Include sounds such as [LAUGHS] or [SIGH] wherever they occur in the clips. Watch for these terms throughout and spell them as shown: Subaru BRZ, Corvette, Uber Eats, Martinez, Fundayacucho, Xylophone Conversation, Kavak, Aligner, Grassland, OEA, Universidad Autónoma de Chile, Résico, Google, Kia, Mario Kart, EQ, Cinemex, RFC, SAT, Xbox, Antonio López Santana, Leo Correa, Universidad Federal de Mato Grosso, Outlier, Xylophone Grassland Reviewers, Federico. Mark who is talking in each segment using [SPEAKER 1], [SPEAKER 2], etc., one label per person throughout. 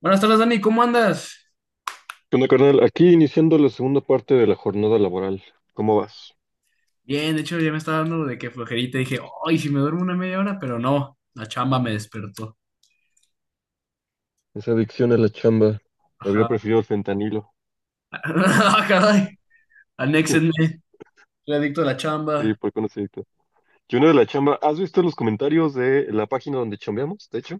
[SPEAKER 1] Buenas tardes, Dani, ¿cómo andas?
[SPEAKER 2] ¿Qué onda, carnal? Aquí iniciando la segunda parte de la jornada laboral. ¿Cómo vas?
[SPEAKER 1] Bien, de hecho ya me estaba dando de que flojerita. Dije, ay, si me duermo una media hora, pero no, la chamba me despertó.
[SPEAKER 2] Esa adicción a la chamba. Habría
[SPEAKER 1] Ajá.
[SPEAKER 2] preferido el fentanilo.
[SPEAKER 1] [LAUGHS] Ah, caray, anéxenme.
[SPEAKER 2] [LAUGHS]
[SPEAKER 1] Soy adicto a la
[SPEAKER 2] Sí,
[SPEAKER 1] chamba.
[SPEAKER 2] por qué no se de la chamba, ¿has visto los comentarios de la página donde chambeamos? De hecho,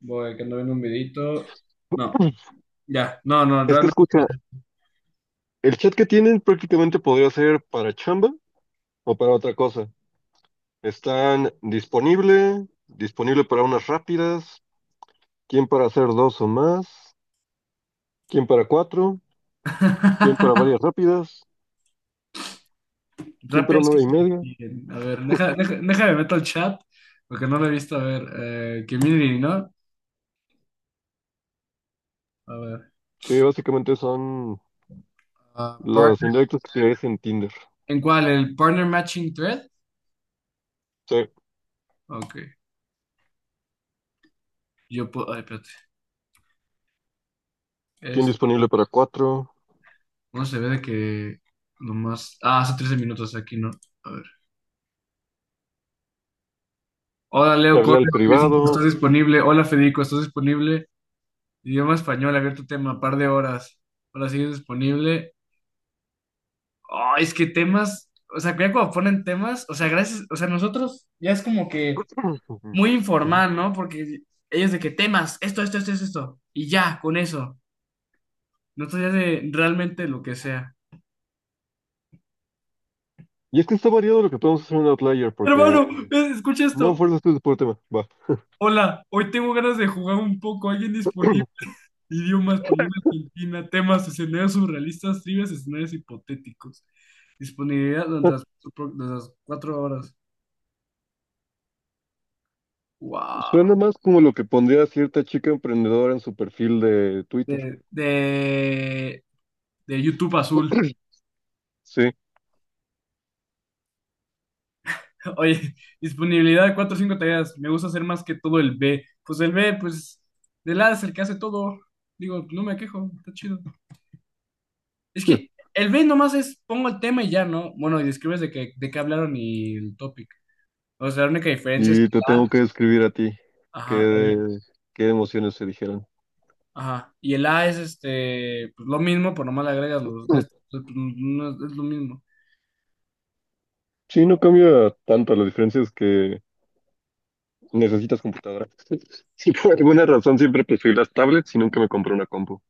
[SPEAKER 1] Voy, que ando viendo un videito. No,
[SPEAKER 2] [LAUGHS]
[SPEAKER 1] ya, no, no,
[SPEAKER 2] es que
[SPEAKER 1] realmente.
[SPEAKER 2] escucha, el chat que tienen prácticamente podría ser para chamba o para otra cosa. Están disponible para unas rápidas, quién para hacer dos o más, quién para cuatro, quién para
[SPEAKER 1] [LAUGHS]
[SPEAKER 2] varias rápidas, quién para
[SPEAKER 1] Rápidas
[SPEAKER 2] una
[SPEAKER 1] que
[SPEAKER 2] hora y
[SPEAKER 1] se
[SPEAKER 2] media.
[SPEAKER 1] repiten. A ver, deja, deja, déjame meto al chat, porque no lo he visto. A ver, community, ¿no? A ver.
[SPEAKER 2] Sí, básicamente son
[SPEAKER 1] ah,
[SPEAKER 2] Los
[SPEAKER 1] partner-
[SPEAKER 2] indirectos que te en Tinder.
[SPEAKER 1] ¿En cuál? ¿El partner matching thread?
[SPEAKER 2] Sí.
[SPEAKER 1] Ok. Yo puedo. Ay, espérate.
[SPEAKER 2] ¿Quién disponible para cuatro?
[SPEAKER 1] No se ve de que nomás. Ah, hace 13 minutos aquí, ¿no? A ver. Hola,
[SPEAKER 2] Te
[SPEAKER 1] Leo
[SPEAKER 2] habla al
[SPEAKER 1] Correa, ¿estás
[SPEAKER 2] privado.
[SPEAKER 1] disponible? Hola, Federico, ¿estás disponible? Idioma español, abierto tema, par de horas. Hola, ¿sigues disponible? Ah, es que temas. O sea, que ya cuando ponen temas, o sea, gracias. O sea, nosotros ya es como que
[SPEAKER 2] [CLEARS THROAT] Ujú,
[SPEAKER 1] muy
[SPEAKER 2] ujú.
[SPEAKER 1] informal, ¿no? Porque ellos de que temas, esto, esto, esto, esto, esto. Y ya, con eso. Nosotros ya de realmente lo que sea.
[SPEAKER 2] Y es que está variado lo que podemos hacer en Outlier, porque
[SPEAKER 1] Hermano, escucha
[SPEAKER 2] no
[SPEAKER 1] esto.
[SPEAKER 2] fuerzas tú por tema. Va.
[SPEAKER 1] Hola, hoy tengo ganas de jugar un poco. ¿Alguien disponible?
[SPEAKER 2] [CLEARS THROAT]
[SPEAKER 1] Idioma español Argentina, temas, escenarios surrealistas, trivias, escenarios hipotéticos. Disponibilidad durante de las 4 horas. Wow.
[SPEAKER 2] Suena más como lo que pondría cierta chica emprendedora en su perfil de Twitter.
[SPEAKER 1] De, de, de YouTube Azul.
[SPEAKER 2] Sí. [CLEARS THROAT]
[SPEAKER 1] [LAUGHS] Oye, disponibilidad de cuatro o cinco tareas. Me gusta hacer más que todo el B. Pues el B, pues, del A es el que hace todo. Digo, no me quejo, está chido. Es que
[SPEAKER 2] [LAUGHS]
[SPEAKER 1] el B nomás es pongo el tema y ya, ¿no? Bueno, y describes de qué hablaron y el topic. O sea, la única diferencia es que
[SPEAKER 2] Y te tengo
[SPEAKER 1] la,
[SPEAKER 2] que describir a ti.
[SPEAKER 1] ajá,
[SPEAKER 2] ¿Qué,
[SPEAKER 1] el.
[SPEAKER 2] qué emociones se dijeron?
[SPEAKER 1] Ajá. Y el A es este, pues lo mismo, por nomás le agregas los de estos,
[SPEAKER 2] [CLEARS THROAT]
[SPEAKER 1] pues, no es, es lo mismo.
[SPEAKER 2] Sí, no cambia tanto. La diferencia es que necesitas computadora. [LAUGHS] Sí, por alguna razón siempre preferí las tablets y nunca me compré una compu.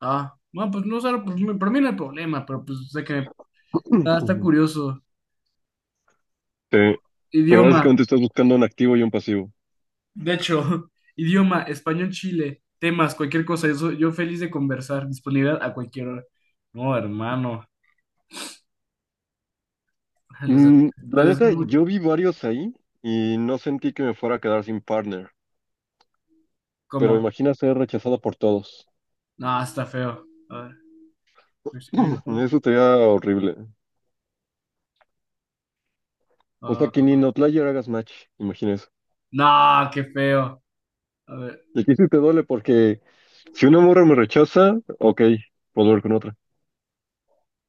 [SPEAKER 1] Ah, bueno, pues no sé, pues, para mí no hay problema, pero pues sé que
[SPEAKER 2] [CLEARS THROAT]
[SPEAKER 1] está
[SPEAKER 2] Ujú.
[SPEAKER 1] curioso.
[SPEAKER 2] Sí. Pero
[SPEAKER 1] Idioma,
[SPEAKER 2] básicamente estás buscando un activo y un pasivo.
[SPEAKER 1] de hecho, [LAUGHS] idioma, español, Chile, temas, cualquier cosa, yo feliz de conversar, disponibilidad a cualquier hora. No, hermano, [LAUGHS] les, des-
[SPEAKER 2] Mm,
[SPEAKER 1] les
[SPEAKER 2] la neta,
[SPEAKER 1] deseo
[SPEAKER 2] yo vi varios ahí y no sentí que me fuera a quedar sin partner. Pero
[SPEAKER 1] ¿cómo?
[SPEAKER 2] imagina ser rechazado por todos.
[SPEAKER 1] No, está feo. A ver, respiro,
[SPEAKER 2] [CLEARS THROAT] Mm, eso sería horrible. O
[SPEAKER 1] ah,
[SPEAKER 2] sea, que ni en Outlier hagas match. Imagina eso.
[SPEAKER 1] no, qué feo. A ver.
[SPEAKER 2] Y aquí sí te duele porque si una morra me rechaza, ok, puedo ver con otra.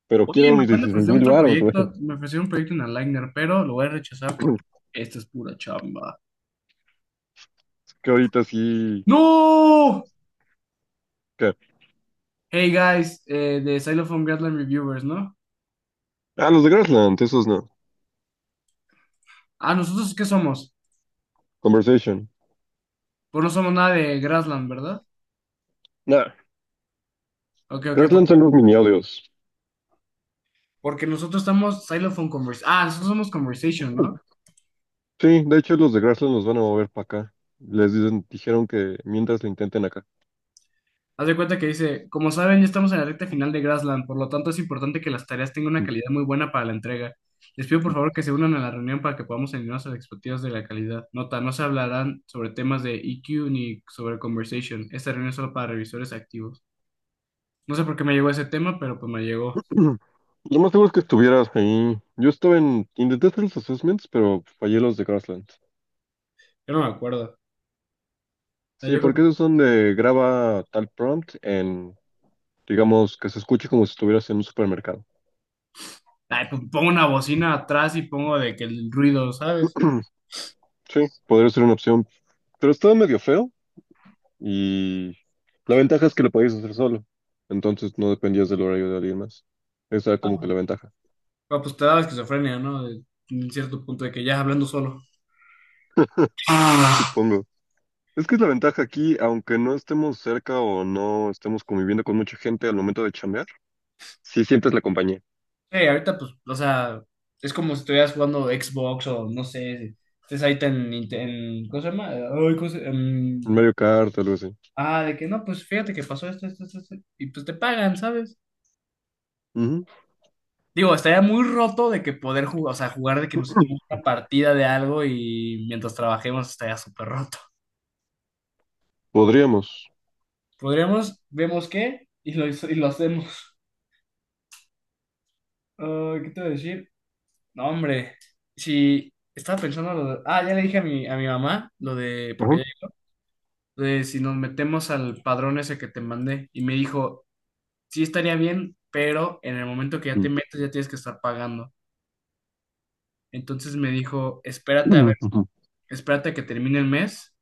[SPEAKER 2] Pero
[SPEAKER 1] Oye,
[SPEAKER 2] quiero
[SPEAKER 1] me
[SPEAKER 2] mis
[SPEAKER 1] acaban de
[SPEAKER 2] dieciséis
[SPEAKER 1] ofrecer
[SPEAKER 2] mil
[SPEAKER 1] otro
[SPEAKER 2] baros, güey.
[SPEAKER 1] proyecto, me ofrecieron un proyecto en Aligner, pero lo voy a rechazar porque
[SPEAKER 2] [CLEARS THROAT]
[SPEAKER 1] esto es pura chamba.
[SPEAKER 2] Es que ahorita sí.
[SPEAKER 1] ¡No!
[SPEAKER 2] ¿Qué?
[SPEAKER 1] Hey guys, de Xylophone Grassland Reviewers, ¿no?
[SPEAKER 2] Ah, los de Grassland, esos no.
[SPEAKER 1] Ah, ¿nosotros qué somos?
[SPEAKER 2] Conversation.
[SPEAKER 1] Pues no somos nada de Grassland, ¿verdad?
[SPEAKER 2] Nah,
[SPEAKER 1] Ok, ok,
[SPEAKER 2] Grassland
[SPEAKER 1] porque,
[SPEAKER 2] son los mini audios.
[SPEAKER 1] porque nosotros estamos Xylophone Conversation. Ah, nosotros somos Conversation, ¿no?
[SPEAKER 2] Sí, de hecho los de Grassland los van a mover para acá. Dijeron que mientras lo intenten acá.
[SPEAKER 1] Haz de cuenta que dice, como saben, ya estamos en la recta final de Grassland, por lo tanto es importante que las tareas tengan una
[SPEAKER 2] Mm,
[SPEAKER 1] calidad muy buena para la entrega. Les pido por
[SPEAKER 2] mm.
[SPEAKER 1] favor que se unan a la reunión para que podamos alinearnos a las expectativas de la calidad. Nota, no se hablarán sobre temas de EQ ni sobre conversation. Esta reunión es solo para revisores activos. No sé por qué me llegó ese tema, pero pues me llegó.
[SPEAKER 2] [CLEARS THROAT] Lo más seguro es que estuvieras ahí. Intenté hacer los assessments, pero fallé los de Grassland.
[SPEAKER 1] Yo no me acuerdo. O sea,
[SPEAKER 2] Sí,
[SPEAKER 1] yo creo
[SPEAKER 2] porque esos son de graba tal prompt en, digamos, que se escuche como si estuvieras en un supermercado.
[SPEAKER 1] ay, pues, pongo una bocina atrás y pongo de que el ruido, ¿sabes?
[SPEAKER 2] [CLEARS THROAT] Sí, podría ser una opción, pero estaba medio feo y la ventaja es que lo podías hacer solo, entonces no dependías del horario de alguien más. Esa era como que la ventaja.
[SPEAKER 1] Pero, pues te da la esquizofrenia, ¿no? En cierto punto de que ya hablando solo.
[SPEAKER 2] Supongo. Es que es la ventaja aquí, aunque no estemos cerca o no estemos conviviendo con mucha gente al momento de chambear, sí sientes la compañía.
[SPEAKER 1] Sí, ahorita pues, o sea, es como si estuvieras jugando Xbox o no sé, estés ahí en, en, ¿cómo se llama? Ay, ¿cómo se- em,
[SPEAKER 2] Un Mario Kart, algo así.
[SPEAKER 1] ah, de que no, pues fíjate que pasó esto, esto, esto, esto, y pues te pagan, ¿sabes?
[SPEAKER 2] Ujú.
[SPEAKER 1] Digo, estaría muy roto de que poder jugar, o sea, jugar de que nos echemos
[SPEAKER 2] [CLEARS THROAT]
[SPEAKER 1] una partida de algo y mientras trabajemos estaría súper roto.
[SPEAKER 2] Podríamos.
[SPEAKER 1] Podríamos, vemos qué, y lo hacemos. Ah, ¿qué te voy a decir? No, hombre, si estaba pensando lo de, ya le dije a mi mamá lo de,
[SPEAKER 2] Ajá.
[SPEAKER 1] porque si nos metemos al padrón ese que te mandé y me dijo, sí estaría bien, pero en el momento que ya
[SPEAKER 2] Mm.
[SPEAKER 1] te metes ya tienes que estar pagando. Entonces me dijo,
[SPEAKER 2] [CLEARS THROAT]
[SPEAKER 1] espérate a ver,
[SPEAKER 2] Ujú.
[SPEAKER 1] espérate a que termine el mes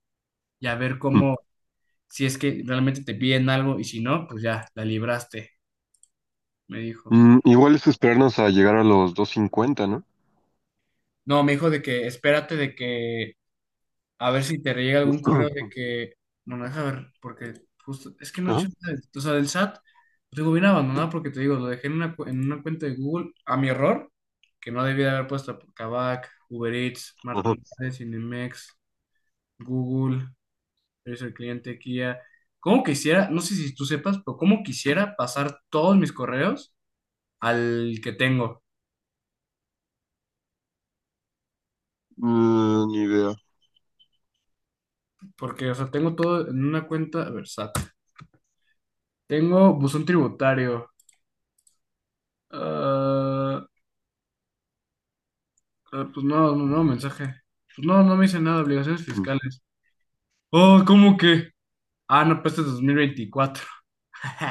[SPEAKER 1] y a ver
[SPEAKER 2] Mm,
[SPEAKER 1] cómo, si es que realmente te piden algo y si no, pues ya, la libraste, me dijo.
[SPEAKER 2] mm, igual es esperarnos a llegar a los 250, ¿no?
[SPEAKER 1] No, me dijo de que espérate de que a ver si te llega
[SPEAKER 2] [CLEARS THROAT]
[SPEAKER 1] algún correo de
[SPEAKER 2] Ujú.
[SPEAKER 1] que, no, no, deja ver, porque justo, es que no he
[SPEAKER 2] Ajá,
[SPEAKER 1] hecho nada, o sea, del SAT, lo tengo bien abandonado porque te digo, lo dejé en en una cuenta de Google a mi error, que no debía de haber puesto Kavak, Uber Eats,
[SPEAKER 2] ajá.
[SPEAKER 1] Martinez, Cinemex, Google, Servicio al Cliente, Kia. ¿Cómo quisiera, no sé si tú sepas, pero cómo quisiera pasar todos mis correos al que tengo?
[SPEAKER 2] Mm, ni idea.
[SPEAKER 1] Porque, o sea, tengo todo en una cuenta, a ver, SAT. Tengo buzón tributario. ah, Ah, pues no, no, no, mensaje. Pues no, no me hice nada, obligaciones
[SPEAKER 2] Mm.
[SPEAKER 1] fiscales. Oh, ¿cómo que? Ah, no, pues este es 2024. [LAUGHS]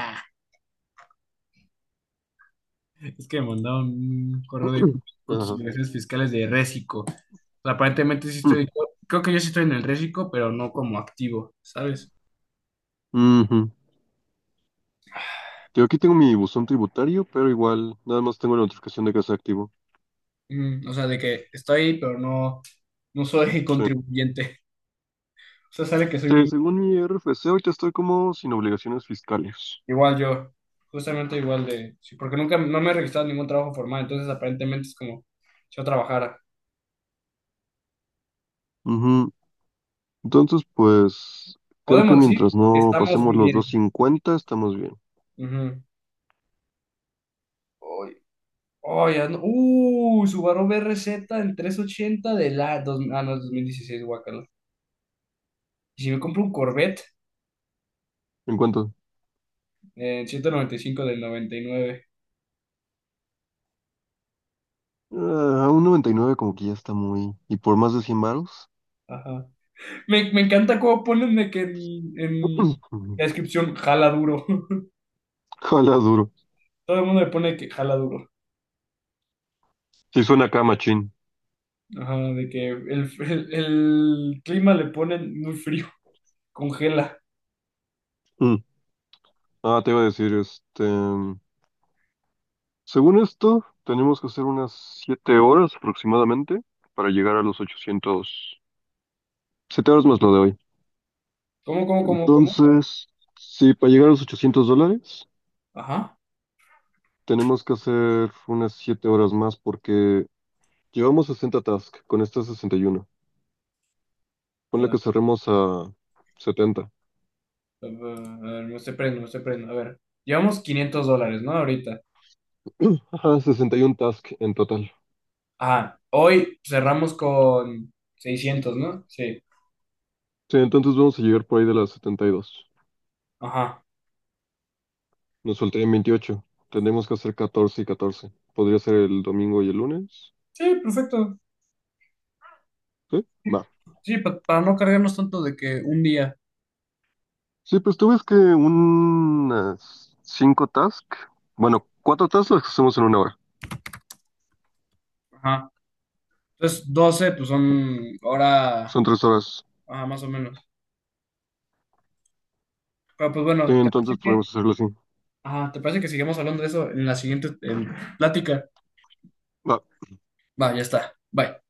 [SPEAKER 1] Es que me mandaron un correo
[SPEAKER 2] [CLEARS THROAT]
[SPEAKER 1] de
[SPEAKER 2] Ujú.
[SPEAKER 1] con tus
[SPEAKER 2] Ajá.
[SPEAKER 1] obligaciones fiscales de Résico. O sea, aparentemente sí estoy, creo que yo sí estoy en el Résico, pero no como activo, ¿sabes?
[SPEAKER 2] Mm, ujú. Yo aquí tengo mi buzón tributario, pero igual, nada más tengo la notificación de que está activo.
[SPEAKER 1] Mm, o sea, de que estoy, pero no, no soy [LAUGHS] contribuyente. O sea, sale que soy
[SPEAKER 2] Sí,
[SPEAKER 1] un,
[SPEAKER 2] según mi RFC, ahorita estoy como sin obligaciones fiscales.
[SPEAKER 1] igual yo, justamente igual de, sí, porque nunca, no me he registrado en ningún trabajo formal, entonces aparentemente es como si yo trabajara.
[SPEAKER 2] Entonces, pues creo que
[SPEAKER 1] Podemos decir
[SPEAKER 2] mientras
[SPEAKER 1] que
[SPEAKER 2] no
[SPEAKER 1] estamos
[SPEAKER 2] pasemos los
[SPEAKER 1] viviendo.
[SPEAKER 2] 250 estamos bien.
[SPEAKER 1] Ujú. Hoy, hoy Subaru BRZ en 380 de la dos, no, es 2016 guacala. Y si me compro un Corvette
[SPEAKER 2] ¿En cuánto?
[SPEAKER 1] en 195 del 99.
[SPEAKER 2] Ah, un 99 como que ya está muy... ¿Y por más de 100 varos?
[SPEAKER 1] Ajá. Me encanta cómo ponen de que en la
[SPEAKER 2] [LAUGHS]
[SPEAKER 1] descripción jala duro. [LAUGHS]
[SPEAKER 2] Ojalá [CLEARS THROAT] duro.
[SPEAKER 1] Todo el mundo le pone que jala duro.
[SPEAKER 2] Sí suena acá, machín.
[SPEAKER 1] Ajá, de que el clima le ponen muy frío, congela.
[SPEAKER 2] Mm. Ah, te iba a decir, este... Según esto, tenemos que hacer unas 7 horas aproximadamente para llegar a los 800 7 horas más lo de hoy.
[SPEAKER 1] ¿Cómo, cómo, cómo, cómo? A ver.
[SPEAKER 2] Entonces, sí, para llegar a los $800,
[SPEAKER 1] Ajá.
[SPEAKER 2] tenemos que hacer unas 7 horas más porque llevamos 60 tasks, con esta 61. Ponle que cerremos a 70.
[SPEAKER 1] A ver, me estoy prendo, me estoy prendo. A ver, llevamos $500, ¿no? Ahorita.
[SPEAKER 2] Ajá, 61 tasks en total.
[SPEAKER 1] Ajá, hoy cerramos con 600, ¿no? Sí.
[SPEAKER 2] Sí, entonces vamos a llegar por ahí de las 72.
[SPEAKER 1] Ajá.
[SPEAKER 2] Nos faltarían 28. Tendremos que hacer 14 y 14. ¿Podría ser el domingo y el lunes?
[SPEAKER 1] Sí, perfecto.
[SPEAKER 2] Sí, va.
[SPEAKER 1] Sí, para no cargarnos tanto de que un día.
[SPEAKER 2] Sí, pues tú ves que unas 5 tasks, bueno, 4 tasks las hacemos en una hora.
[SPEAKER 1] Ajá. Entonces, 12 pues son hora,
[SPEAKER 2] Son 3 horas.
[SPEAKER 1] ajá, más o menos. Pero pues
[SPEAKER 2] Sí,
[SPEAKER 1] bueno, ¿te parece
[SPEAKER 2] entonces
[SPEAKER 1] que,
[SPEAKER 2] podemos hacerlo así.
[SPEAKER 1] ajá, ¿te parece que sigamos hablando de eso en la siguiente plática?
[SPEAKER 2] Va.
[SPEAKER 1] Va, ya está. Bye.